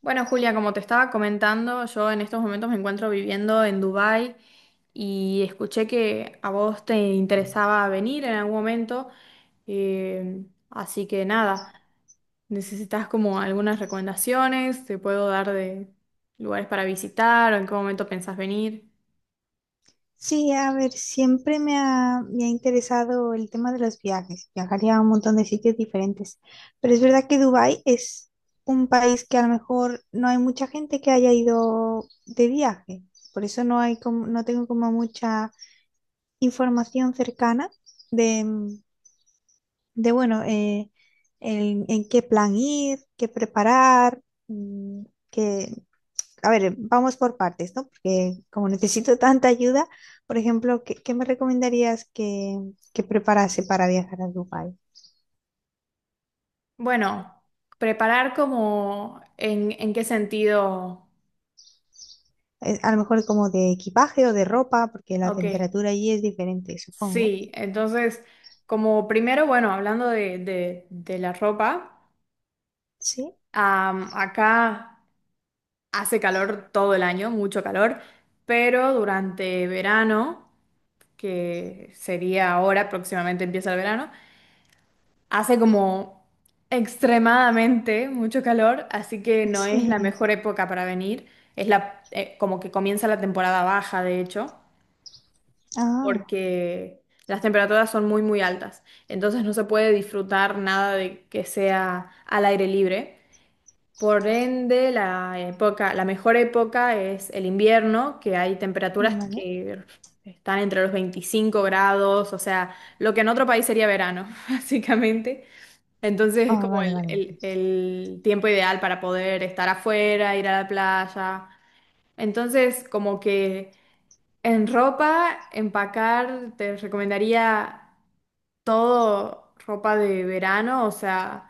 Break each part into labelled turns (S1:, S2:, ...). S1: Bueno, Julia, como te estaba comentando, yo en estos momentos me encuentro viviendo en Dubái y escuché que a vos te interesaba venir en algún momento, así que nada, ¿necesitas como algunas recomendaciones? ¿Te puedo dar de lugares para visitar o en qué momento pensás venir?
S2: Sí, a ver, siempre me ha interesado el tema de los viajes. Viajaría a un montón de sitios diferentes. Pero es verdad que Dubái es un país que a lo mejor no hay mucha gente que haya ido de viaje. Por eso no tengo como mucha información cercana de, mm, de en qué plan ir, qué preparar, mm, qué, a ver, vamos por partes, ¿no? Porque como necesito tanta ayuda, por ejemplo, ¿qué me recomendarías que preparase para viajar a Dubái?
S1: Bueno, preparar como en qué sentido.
S2: A lo mejor como de equipaje o de ropa, porque la
S1: Ok,
S2: temperatura allí es diferente, supongo.
S1: sí, entonces como primero, bueno, hablando de la ropa.
S2: Sí,
S1: Acá hace calor todo el año, mucho calor, pero durante verano, que sería ahora, próximamente empieza el verano, hace como extremadamente mucho calor, así que no es la
S2: sí.
S1: mejor época para venir. Es la, como que comienza la temporada baja, de hecho,
S2: Ah,
S1: porque las temperaturas son muy, muy altas. Entonces no se puede disfrutar nada de que sea al aire libre. Por ende, la época, la mejor época es el invierno, que hay temperaturas
S2: vale.
S1: que están entre los 25 grados, o sea, lo que en otro país sería verano, básicamente. Entonces es
S2: Ah,
S1: como
S2: vale,
S1: el,
S2: vale,
S1: el-
S2: entiendo.
S1: el tiempo ideal para poder estar afuera, ir a la playa. Entonces, como que en ropa, empacar, te recomendaría todo ropa de verano, o sea,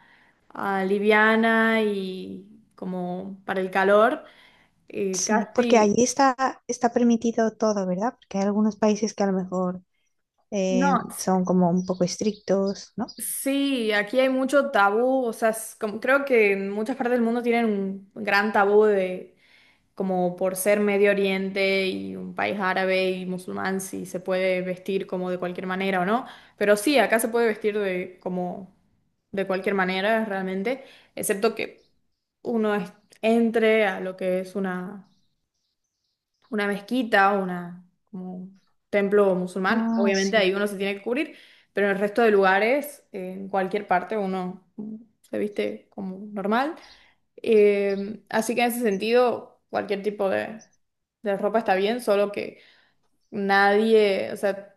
S1: ah, liviana y como para el calor.
S2: Sí, porque
S1: Casi,
S2: está permitido todo, ¿verdad? Porque hay algunos países que a lo mejor
S1: no,
S2: son como un poco estrictos, ¿no?
S1: sí, aquí hay mucho tabú, o sea, es como- creo que en muchas partes del mundo tienen un gran tabú de como por ser Medio Oriente y un país árabe y musulmán, si se puede vestir como de cualquier manera o no. Pero sí, acá se puede vestir de como de cualquier manera, realmente, excepto que uno es- entre a lo que es una mezquita, una, como un templo musulmán.
S2: Ah,
S1: Obviamente ahí
S2: sí.
S1: uno se tiene que cubrir, pero en el resto de lugares, en cualquier parte, uno se viste como normal. Así que en ese sentido, cualquier tipo de ropa está bien, solo que nadie, o sea,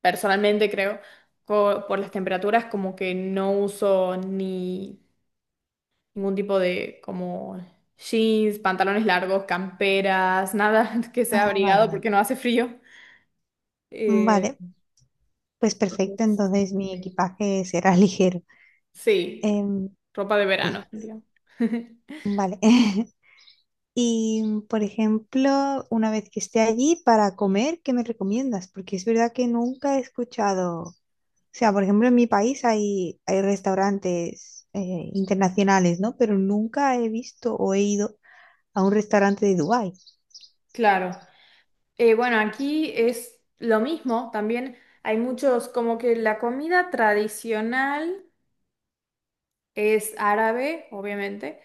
S1: personalmente creo, co- por las temperaturas, como que no uso ni ningún tipo de como jeans, pantalones largos, camperas, nada que sea
S2: Ah, vale,
S1: abrigado
S2: vale.
S1: porque no hace frío. Eh,
S2: Vale, pues perfecto,
S1: entonces,
S2: entonces mi
S1: sí,
S2: equipaje será ligero.
S1: sí,
S2: Em,
S1: ropa de
S2: mm,
S1: verano, digamos.
S2: vale. Y, por ejemplo, una vez que esté allí para comer, ¿qué me recomiendas? Porque es verdad que nunca he escuchado, o sea, por ejemplo, en mi país hay restaurantes internacionales, ¿no? Pero nunca he visto o he ido a un restaurante de Dubái.
S1: Claro. Bueno, aquí es lo mismo, también hay muchos, como que la comida tradicional es árabe, obviamente.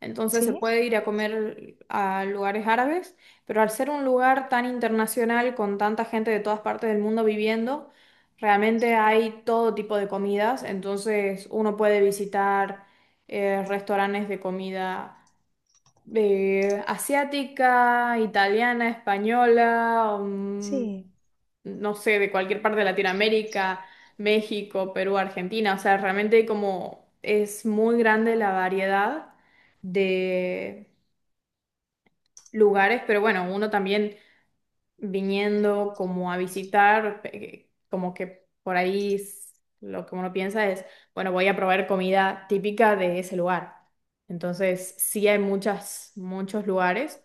S1: Entonces se
S2: Sí,
S1: puede ir a comer a lugares árabes, pero al ser un lugar tan internacional con tanta gente de todas partes del mundo viviendo, realmente hay todo tipo de comidas. Entonces uno puede visitar restaurantes de comida asiática, italiana, española,
S2: sí,
S1: no sé, de cualquier parte de Latinoamérica, México, Perú, Argentina. O sea, realmente como es muy grande la variedad de lugares, pero bueno, uno también viniendo como a visitar, como que por ahí s- lo que uno piensa es, bueno, voy a probar comida típica de ese lugar. Entonces, sí hay muchas, muchos lugares.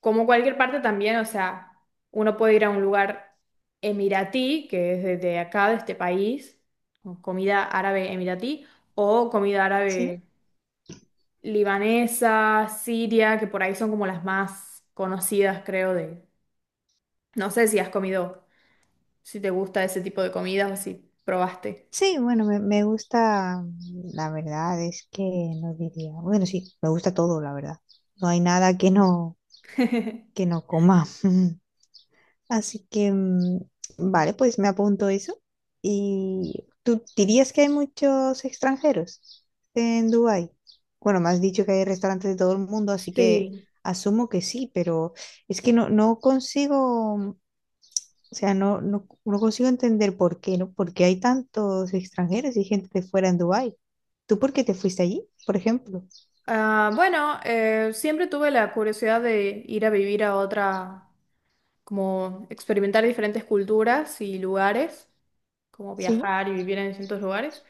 S1: Como cualquier parte también, o sea, uno puede ir a un lugar emiratí, que es desde acá, de este país, o comida árabe emiratí, o comida
S2: sí.
S1: árabe libanesa, siria, que por ahí son como las más conocidas, creo, de... No sé si has comido, si te gusta ese tipo de comidas o si probaste.
S2: Sí, bueno, me gusta, la verdad es que no diría, bueno, sí, me gusta todo, la verdad. No hay nada que no coma. Así que, vale, pues me apunto eso. ¿Y tú dirías que hay muchos extranjeros en Dubái? Bueno, me has dicho que hay restaurantes de todo el mundo, así que
S1: Sí.
S2: asumo que sí, pero es que o sea, no consigo entender por qué, ¿no? Porque hay tantos extranjeros y gente de fuera en Dubái. ¿Tú por qué te fuiste allí, por ejemplo?
S1: Ah, bueno, siempre tuve la curiosidad de ir a vivir a otra, como experimentar diferentes culturas y lugares, como
S2: Sí.
S1: viajar y vivir en distintos lugares.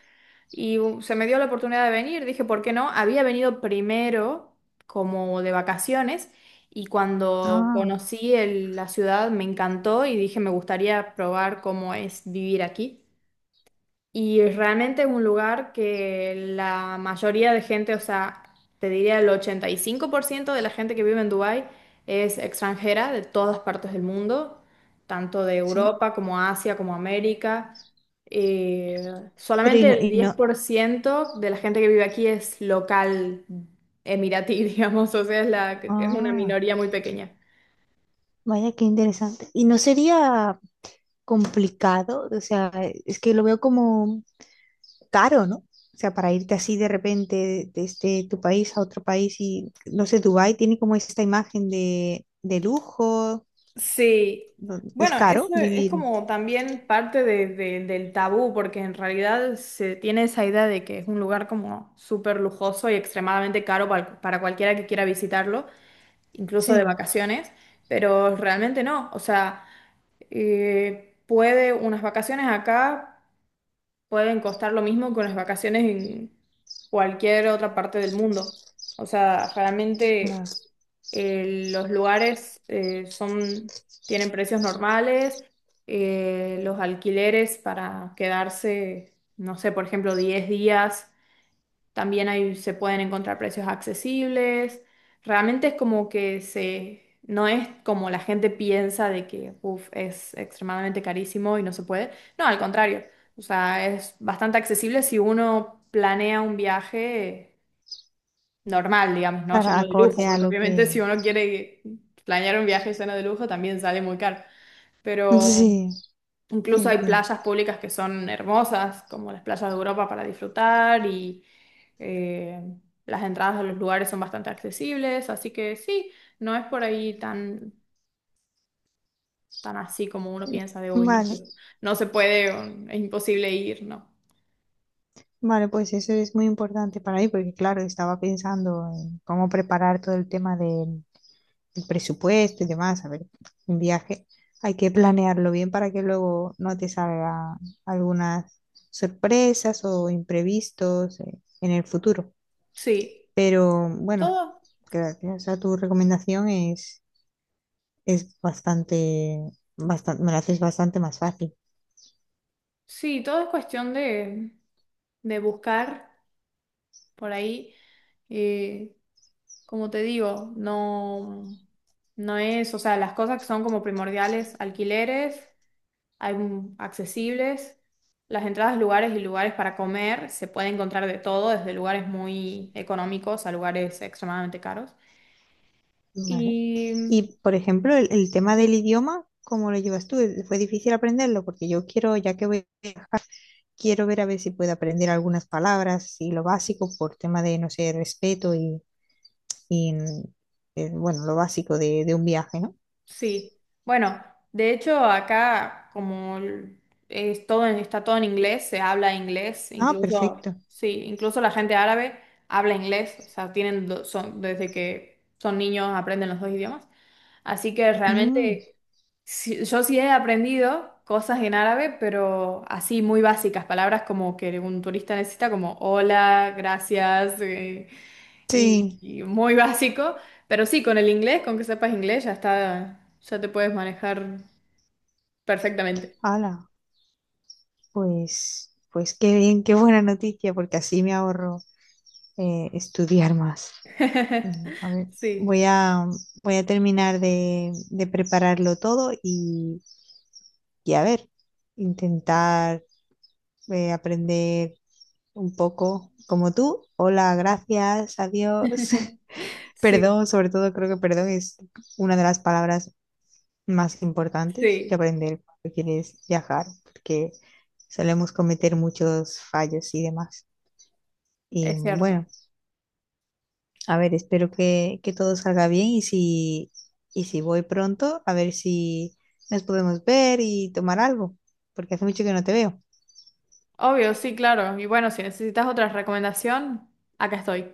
S1: Y se me dio la oportunidad de venir, dije, ¿por qué no? Había venido primero como de vacaciones y cuando
S2: Ah,
S1: conocí el- la ciudad me encantó y dije, me gustaría probar cómo es vivir aquí. Y realmente es un lugar que la mayoría de gente, o sea, te diría el 85% de la gente que vive en Dubái es extranjera de todas partes del mundo, tanto de
S2: sí.
S1: Europa como Asia como América.
S2: Pero
S1: Solamente el
S2: y no.
S1: 10% de la gente que vive aquí es local emiratí, digamos, o sea, es, la, es una
S2: Ah,
S1: minoría muy pequeña.
S2: vaya, qué interesante. Y no sería complicado, o sea, es que lo veo como caro, ¿no? O sea, para irte así de repente desde tu país a otro país y, no sé, Dubái tiene como esta imagen de lujo.
S1: Sí,
S2: ¿No? Es
S1: bueno,
S2: caro
S1: eso es
S2: vivir.
S1: como también parte de- del tabú, porque en realidad se tiene esa idea de que es un lugar como súper lujoso y extremadamente caro para cualquiera que quiera visitarlo, incluso de
S2: Sí,
S1: vacaciones, pero realmente no, o sea, puede, unas vacaciones acá pueden costar lo mismo que unas vacaciones en cualquier otra parte del mundo, o sea, realmente...
S2: claro.
S1: Los lugares son, tienen precios normales, los alquileres para quedarse, no sé, por ejemplo, 10 días, también ahí se pueden encontrar precios accesibles. Realmente es como que se, no es como la gente piensa de que uf, es extremadamente carísimo y no se puede. No, al contrario, o sea, es bastante accesible si uno planea un viaje normal, digamos, no
S2: Claro,
S1: lleno de lujo,
S2: acorde a
S1: porque
S2: lo
S1: obviamente
S2: que...
S1: si uno quiere planear un viaje lleno de lujo también sale muy caro. Pero
S2: Sí,
S1: incluso hay
S2: entiendo.
S1: playas públicas que son hermosas, como las playas de Europa para disfrutar y eh, las entradas a los lugares son bastante accesibles, así que sí, no es por ahí tan, tan así como uno piensa de uy no,
S2: Vale,
S1: no se puede, o es imposible ir, no.
S2: vale, pues eso es muy importante para mí porque, claro, estaba pensando en cómo preparar todo el tema del presupuesto y demás. A ver, un viaje hay que planearlo bien para que luego no te salgan algunas sorpresas o imprevistos en el futuro.
S1: Sí,
S2: Pero bueno,
S1: todo,
S2: gracias a tu recomendación es bastante, bastante, me lo haces bastante más fácil.
S1: sí, todo es cuestión de buscar por ahí. Eh, Como te digo, no, no es, o sea, las cosas que son como primordiales, alquileres, hay un- accesibles, las entradas, lugares y lugares para comer, se puede encontrar de todo, desde lugares muy económicos a lugares extremadamente caros.
S2: Vale.
S1: Y,
S2: Y, por ejemplo, el tema
S1: sí,
S2: del idioma, ¿cómo lo llevas tú? ¿Fue difícil aprenderlo? Porque yo quiero, ya que voy, a viajar, quiero ver a ver si puedo aprender algunas palabras y lo básico por tema de, no sé, respeto y, bueno, lo básico de un viaje, ¿no?
S1: sí, bueno, de hecho acá como el- es todo, en- está todo en inglés, se habla inglés,
S2: Ah,
S1: incluso,
S2: perfecto.
S1: sí, incluso la gente árabe habla inglés, o sea, tienen, do- son, desde que son niños aprenden los dos idiomas. Así que
S2: Mm,
S1: realmente sí- yo sí he aprendido cosas en árabe, pero así muy básicas, palabras como que un turista necesita como hola, gracias,
S2: sí,
S1: y muy básico, pero sí, con el inglés, con que sepas inglés, ya está, ya te puedes manejar perfectamente.
S2: hala, pues, pues qué bien, qué buena noticia, porque así me ahorro estudiar más. A ver,
S1: Sí,
S2: voy a, voy a terminar de prepararlo todo y a ver, intentar aprender un poco como tú. Hola, gracias, adiós.
S1: sí,
S2: Perdón, sobre todo creo que perdón es una de las palabras más importantes que
S1: sí,
S2: aprender cuando quieres viajar, porque solemos cometer muchos fallos y demás. Y
S1: es cierto.
S2: bueno. A ver, espero que todo salga bien y y si voy pronto, a ver si nos podemos ver y tomar algo, porque hace mucho que no te veo.
S1: Obvio, sí, claro. Y bueno, si necesitas otra recomendación, acá estoy.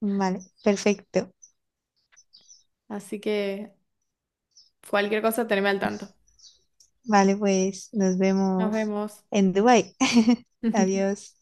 S2: Vale, perfecto.
S1: Así que cualquier cosa, teneme al tanto.
S2: Vale, pues nos
S1: Nos
S2: vemos
S1: vemos.
S2: en Dubái. Adiós.